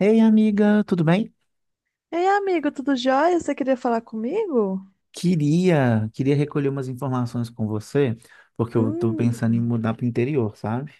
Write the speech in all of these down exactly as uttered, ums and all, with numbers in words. Ei, amiga, tudo bem? Ei, amigo, tudo jóia? Você queria falar comigo? Queria, queria recolher umas informações com você, porque eu tô Hum, pensando em mudar pro interior, sabe?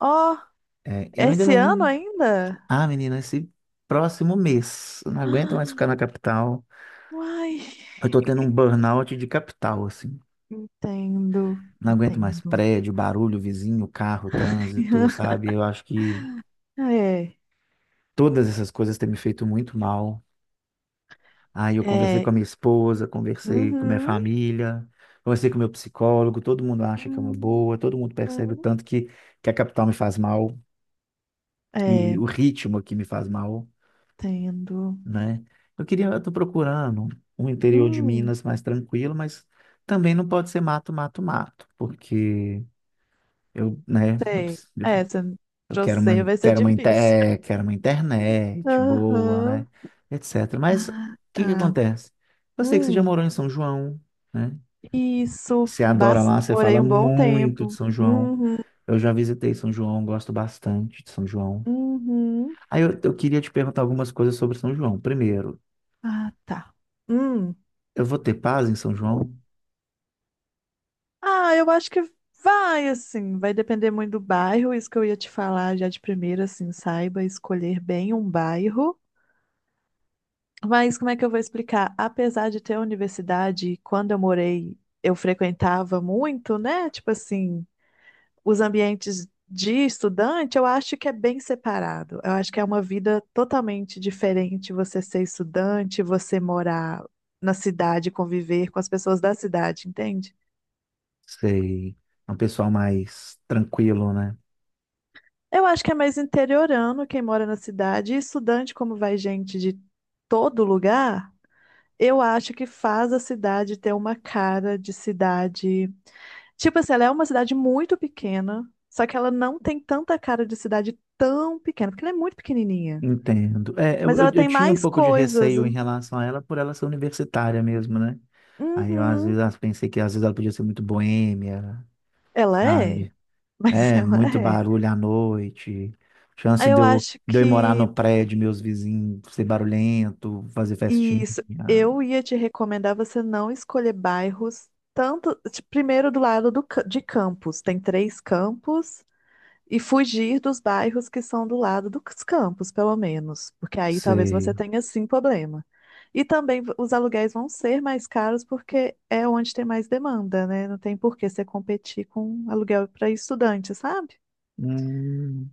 ó, É, eu ainda esse não. ano ainda? Ah, menina, esse próximo mês, eu não aguento mais Ah, ficar na capital. uai, Eu tô tendo um burnout de capital, assim. entendo, Não aguento mais entendo. prédio, barulho, vizinho, carro, trânsito, sabe? Eu acho que É, todas essas coisas têm me feito muito mal. Aí eu conversei com é, a minha esposa, conversei com minha uhum, família, conversei com meu psicólogo, todo mundo acha que é uma uhum, boa, todo mundo percebe o tanto que, que a capital me faz mal, que é, o ritmo aqui me faz mal, entendo. né? Eu queria, eu tô procurando um interior de Hum, Minas mais tranquilo, mas também não pode ser mato, mato, mato, porque eu, né, eu, sei. preciso- É, você, eu pra quero uma, você vai ser quero uma, inte- difícil. eh, quero uma internet boa, Aham, né, etcétera. Mas o Ah, que que tá. acontece? Eu sei que você já Hum, morou em São João, né? isso, Você adora bas- lá, você fala morei um bom muito de tempo. São João. Uhum, Eu já visitei São João, gosto bastante de São João. uhum. Aí eu, eu queria te perguntar algumas coisas sobre São João. Primeiro, Ah, tá. Hum. eu vou ter paz em São João? Ah, eu acho que vai, assim, vai depender muito do bairro, isso que eu ia te falar já de primeira, assim, saiba escolher bem um bairro. Mas como é que eu vou explicar? Apesar de ter universidade, quando eu morei, eu frequentava muito, né? Tipo assim, os ambientes de estudante, eu acho que é bem separado. Eu acho que é uma vida totalmente diferente você ser estudante, você morar na cidade, conviver com as pessoas da cidade, entende? Sei, é um pessoal mais tranquilo, né? Eu acho que é mais interiorano quem mora na cidade. E estudante, como vai gente de todo lugar, eu acho que faz a cidade ter uma cara de cidade. Tipo assim, ela é uma cidade muito pequena, só que ela não tem tanta cara de cidade tão pequena, porque ela é muito pequenininha. Entendo. É, eu, Mas ela eu, eu tem tinha um mais pouco de coisas. receio em relação a ela, por ela ser universitária mesmo, né? Aí eu às Uhum, vezes pensei que às vezes ela podia ser muito boêmia, ela é, sabe? mas É, ela muito é. barulho à noite. Chance de Eu eu, acho de eu ir morar que no prédio, meus vizinhos ser barulhento, fazer festinha. isso, eu ia te recomendar você não escolher bairros tanto, ti- primeiro do lado do, ca- de campos, tem três campos, e fugir dos bairros que são do lado dos campos, pelo menos, porque aí talvez Sei. você tenha sim problema. E também v- os aluguéis vão ser mais caros porque é onde tem mais demanda, né? Não tem por que você competir com aluguel para estudante, sabe? Hum,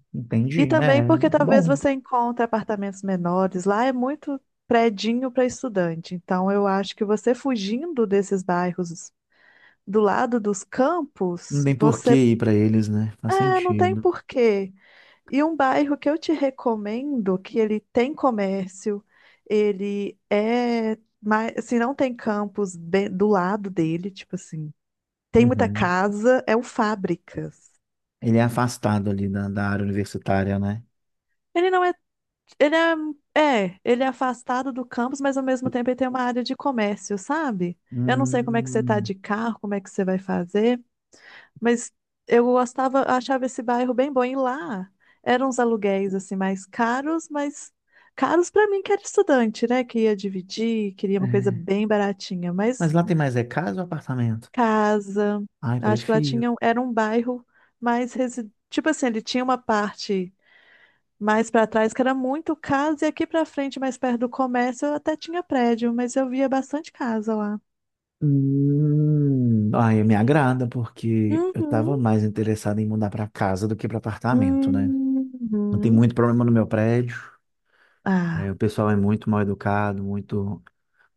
E entendi. também É, porque talvez bom. você encontre apartamentos menores. Lá é muito predinho para estudante. Então, eu acho que você fugindo desses bairros do lado dos Não campos, tem por que você. ir pra eles, né? Faz É, não tem sentido. porquê. E um bairro que eu te recomendo, que ele tem comércio, ele é. Mas, se não tem campos de- do lado dele, tipo assim, tem muita Uhum. casa, é o Fábricas. Ele é afastado ali da, da área universitária, né? Ele não é Ele é, é, ele é afastado do campus, mas ao mesmo tempo ele tem uma área de comércio, sabe? Eu não sei como é que você tá Hum, de carro, como é que você vai fazer, mas eu gostava, achava esse bairro bem bom. E lá eram uns aluguéis assim mais caros, mas caros pra mim que era estudante, né? Que ia dividir, queria uma coisa é. bem baratinha, Mas mas lá tem mais é casa ou apartamento? casa, Ai, acho que lá prefiro. tinha, um- era um bairro mais resi... tipo assim, ele tinha uma parte mais para trás, que era muito casa, e aqui para frente, mais perto do comércio, eu até tinha prédio, mas eu via bastante casa lá. Hum, ai, me agrada porque eu estava Uhum. mais interessado em mudar para casa do que para apartamento, né? Não tem Uhum. muito problema no meu prédio. É, Ah, o pessoal é muito mal educado, muito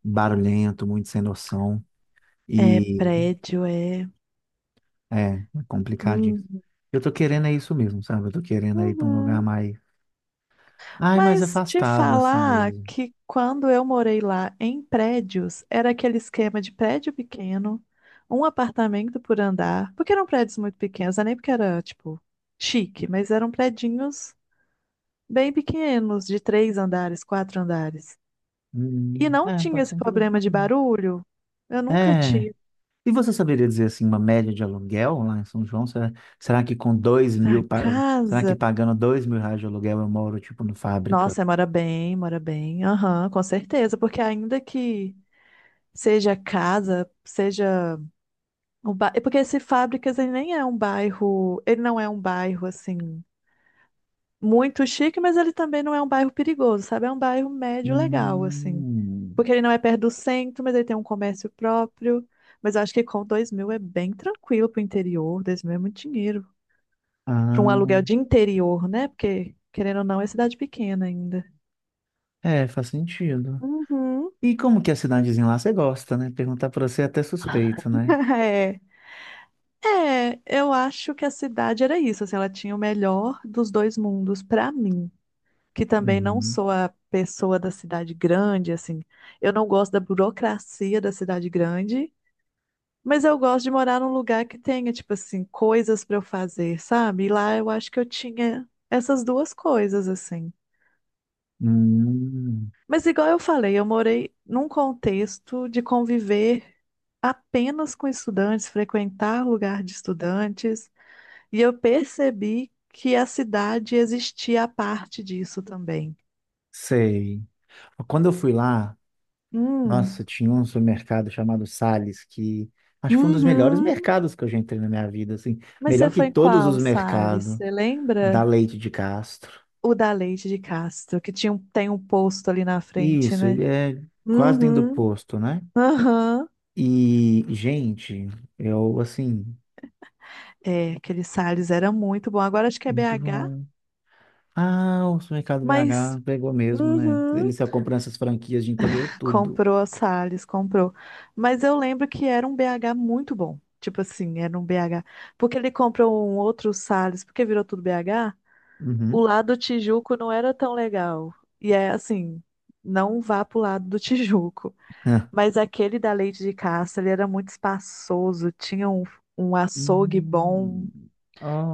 barulhento, muito sem noção é e prédio, é. é, é complicadinho. Uhum. Eu tô querendo é isso mesmo, sabe? Eu tô querendo é ir para um lugar Uhum. mais, ai, mais Mas te afastado assim falar mesmo. que quando eu morei lá em prédios, era aquele esquema de prédio pequeno, um apartamento por andar, porque eram prédios muito pequenos, não é nem porque era, tipo, chique, mas eram prédios bem pequenos, de três andares, quatro andares. E Hum, não é, tinha pode ser esse problema de interessante. barulho. Eu nunca É, tive. e você saberia dizer assim uma média de aluguel lá em São João? Será, será que com dois Pra mil, pa- será que casa. pagando dois mil reais de aluguel eu moro tipo no fábrica? Nossa, mora bem, mora bem. Aham, com certeza. Porque ainda que seja casa, seja um bairro. Porque esse Fábricas, ele nem é um bairro. Ele não é um bairro assim muito chique, mas ele também não é um bairro perigoso, sabe? É um bairro médio legal, assim. Hum, Porque ele não é perto do centro, mas ele tem um comércio próprio. Mas eu acho que com dois mil é bem tranquilo pro interior. dois mil é muito dinheiro. Para um ah, aluguel de interior, né? Porque, querendo ou não, é cidade pequena ainda. é, faz sentido. Uhum. E como que é a cidadezinha lá você gosta, né? Perguntar pra você é até suspeito, né? É. É, eu acho que a cidade era isso, assim, ela tinha o melhor dos dois mundos pra mim. Que também não Uhum. sou a pessoa da cidade grande, assim. Eu não gosto da burocracia da cidade grande, mas eu gosto de morar num lugar que tenha, tipo assim, coisas para eu fazer, sabe? E lá eu acho que eu tinha essas duas coisas, assim. Hum, Mas igual eu falei, eu morei num contexto de conviver apenas com estudantes, frequentar lugar de estudantes, e eu percebi que a cidade existia a parte disso também. sei. Quando eu fui lá, nossa, Hum. tinha um supermercado chamado Sales que acho que foi um dos melhores Uhum. mercados que eu já entrei na minha vida, assim, Mas você melhor que foi em todos os qual, Salles? mercados. Você Da lembra? Leite de Castro. O da Leite de Castro, que tinha um, tem um posto ali na frente, Isso, né? ele é quase dentro do Uhum, posto, né? aham. E, gente, eu, assim, É, aquele Salles era muito bom. Agora acho que é muito B H, bom. Ah, o Supermercado mas... B H pegou mesmo, né? Ele Uhum. saiu comprando essas franquias de interior, tudo. Comprou a Salles, comprou. Mas eu lembro que era um B H muito bom. Tipo assim, era um B H. Porque ele comprou um outro Salles, porque virou tudo B H, o Uhum. lado do Tijuco não era tão legal. E é assim, não vá pro lado do Tijuco. Ah. Mas aquele da Leite de Castro, ele era muito espaçoso, tinha um, um açougue bom. Hum,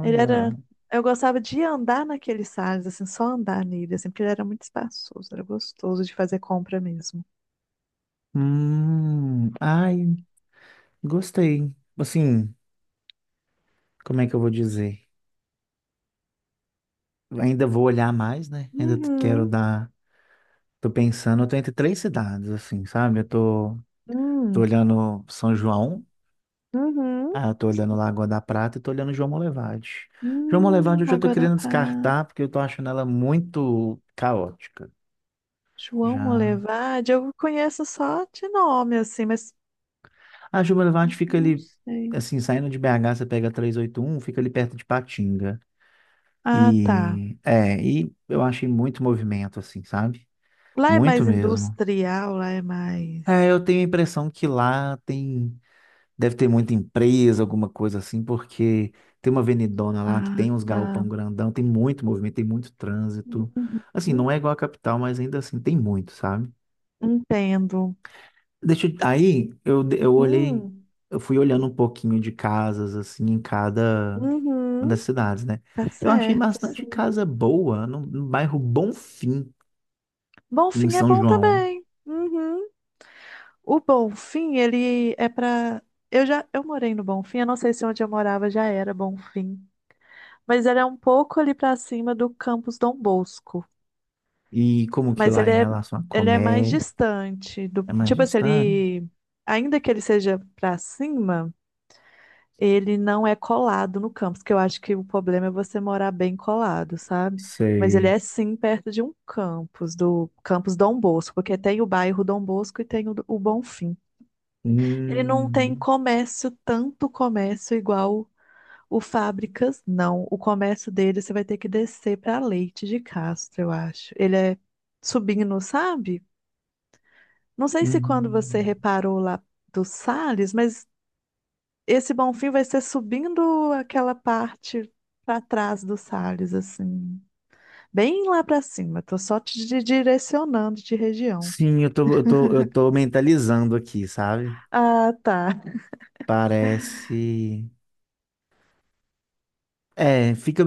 Ele era. Eu gostava de andar naqueles sales, assim, só andar nele, assim, porque ele era muito espaçoso, era gostoso de fazer compra mesmo. Hum, ai, gostei. Assim, como é que eu vou dizer? Ainda vou olhar mais, né? Ainda t- quero Uhum, dar. Tô pensando, eu tô entre três cidades, assim, sabe? Eu tô Tô Hum, olhando São João, uhum. ah, eu tô olhando Lagoa da Prata e tô olhando João Molevade. João Molevade Hum, eu já tô Água da querendo descartar porque eu tô achando ela muito caótica. João Já. Molevade, eu conheço só de nome, assim, mas A João Molevade fica não ali, sei. assim, saindo de B H, você pega trezentos e oitenta e um, fica ali perto de Patinga. Ah, tá. E é, e eu achei muito movimento, assim, sabe? Lá é Muito mais mesmo. industrial, lá é mais. É, eu tenho a impressão que lá tem. Deve ter muita empresa, alguma coisa assim, porque tem uma avenidona lá que Ah, tem uns tá. galpão grandão, tem muito movimento, tem muito trânsito. Uhum. Assim, não é igual a capital, mas ainda assim tem muito, sabe? Entendo. Deixa, eu- aí eu, de- eu olhei, Hum. eu fui olhando um pouquinho de casas, assim, em cada uma das Uhum. cidades, né? Tá Eu achei certo. bastante Sim. casa boa no, no bairro Bonfim, Bom em fim é São bom João. também. Uhum. O Bom Fim, ele é pra. Eu já eu morei no Bom Fim, eu não sei se onde eu morava já era Bom Fim, mas ele é um pouco ali pra cima do Campus Dom Bosco, E como que mas lá ele em é relação a ele é mais comércio, distante do, é mais tipo assim, distante? ele ainda que ele seja pra cima. Ele não é colado no campus, que eu acho que o problema é você morar bem colado, sabe? Mas ele Sei. é sim perto de um campus, do campus Dom Bosco, porque tem o bairro Dom Bosco e tem o, o Bonfim. Ele não tem Hum. comércio, tanto comércio igual o Fábricas, não. O comércio dele você vai ter que descer para Leite de Castro, eu acho. Ele é subindo, sabe? Não sei se quando você Uhum. reparou lá do Salles, mas esse Bonfim vai ser subindo aquela parte para trás do Salles, assim. Bem lá para cima. Tô só te di- direcionando de região. Sim, eu tô, eu tô, eu tô mentalizando aqui, sabe? Ah, tá. Parece. É, fica.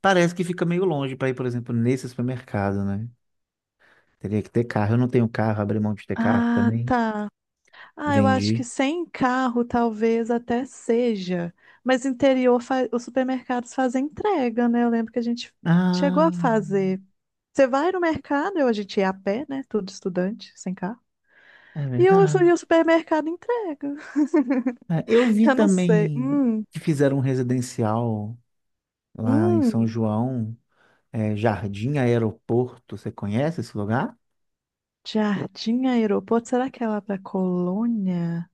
Parece que fica meio longe para ir, por exemplo, nesse supermercado, né? Teria que ter carro. Eu não tenho carro, abri mão de ter carro Ah, também. tá. Ah, eu acho que Vendi. sem carro talvez até seja. Mas interior, fa- os supermercados fazem entrega, né? Eu lembro que a gente chegou Ah, a fazer. Você vai no mercado, eu, a gente ia a pé, né? Tudo estudante, sem carro. é E o, su- verdade. E o supermercado entrega. É, eu vi Eu não sei. também Hum, que fizeram um residencial lá em São hum. João, é, Jardim Aeroporto. Você conhece esse lugar? Jardim Aeroporto, será que é lá pra Colônia?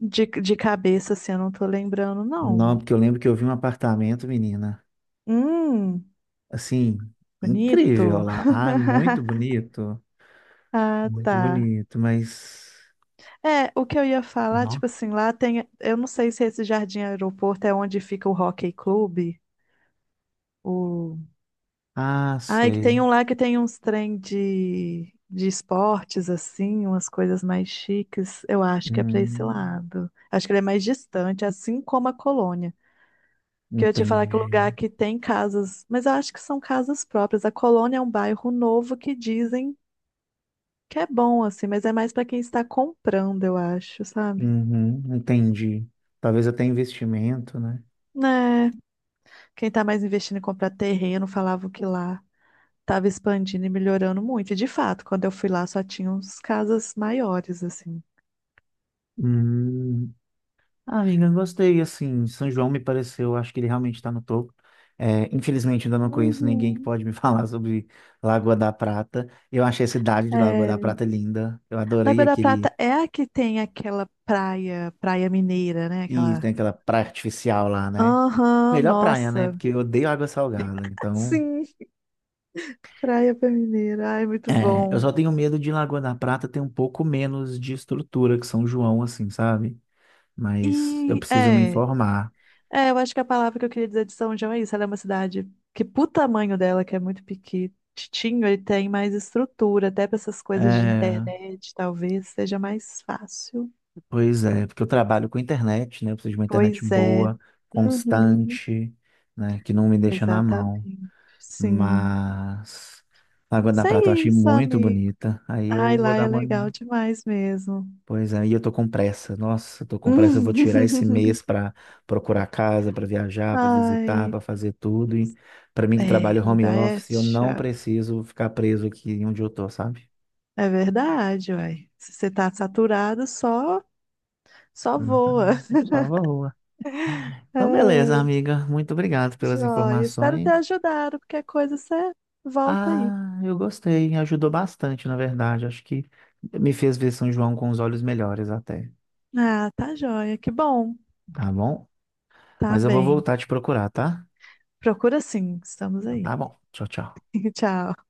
De, de cabeça, assim, eu não tô lembrando, Não, não. porque eu lembro que eu vi um apartamento, menina, Hum, assim, incrível bonito. lá. Ah, é muito bonito, Ah, muito tá. bonito, mas É, o que eu ia falar, não. tipo assim, lá tem. Eu não sei se esse Jardim Aeroporto é onde fica o Hockey Clube. O... Ah, Ai, que tem sei. um lá que tem uns trem de, de esportes, assim, umas coisas mais chiques. Eu acho que é pra esse Hum, lado. Acho que ele é mais distante, assim como a Colônia. Que eu ia te falar que o lugar entendi. que tem casas, mas eu acho que são casas próprias. A Colônia é um bairro novo que dizem que é bom, assim, mas é mais pra quem está comprando, eu acho, sabe? Uhum, entendi. Talvez até investimento, né? Né? Quem tá mais investindo em comprar terreno falava que lá tava expandindo e melhorando muito. E de fato, quando eu fui lá só tinha uns casas maiores, assim. Hum, ah, amiga, eu gostei. Assim, São João me pareceu, acho que ele realmente está no topo. É, infelizmente, ainda não conheço ninguém que Uhum. pode me falar sobre Lagoa da Prata. Eu achei a cidade de Lagoa da É... Prata linda. Eu adorei Lagoa da Prata aquele. é a que tem aquela praia, praia mineira, né? E Aquela. tem aquela praia artificial lá, né? Aham, Melhor praia, né? nossa. Porque eu odeio água salgada. Então, Sim. Praia pra mineira. Ai, muito é, eu bom. só tenho medo de Lagoa da Prata ter um pouco menos de estrutura que São João, assim, sabe? Mas eu E preciso me é, informar. é, eu acho que a palavra que eu queria dizer de São João é isso. Ela é uma cidade que, pro tamanho dela, que é muito pequitinho, ele tem mais estrutura, até para essas coisas de É, internet, talvez seja mais fácil. pois é, porque eu trabalho com internet, né? Eu preciso de uma internet Pois é. boa, Uhum, constante, né? Que não me deixa na mão. exatamente. Sim. Mas Lagoa da Isso é Prata eu achei isso, muito amigo. bonita. Aí eu Ai, vou lá dar é uma. legal demais mesmo. Pois aí eu tô com pressa. Nossa, eu tô com pressa. Eu vou tirar esse mês pra procurar casa, pra viajar, pra visitar, Ai, pra fazer tudo. E para mim que é, trabalho home mudar é office, eu não chato. preciso ficar preso aqui onde eu tô, sabe? É verdade, uai. Se você tá saturado, só, só Então, voa. só voa. Então, beleza, Ai, amiga. Muito obrigado pelas joia. Espero ter informações. ajudado. Qualquer coisa você volta aí. Ah, eu gostei. Ajudou bastante, na verdade. Acho que me fez ver São João com os olhos melhores até. Ah, tá joia. Que bom. Tá bom? Tá Mas eu vou bem. voltar a te procurar, tá? Procura sim. Estamos Então, aí. tá bom. Tchau, tchau. Tchau.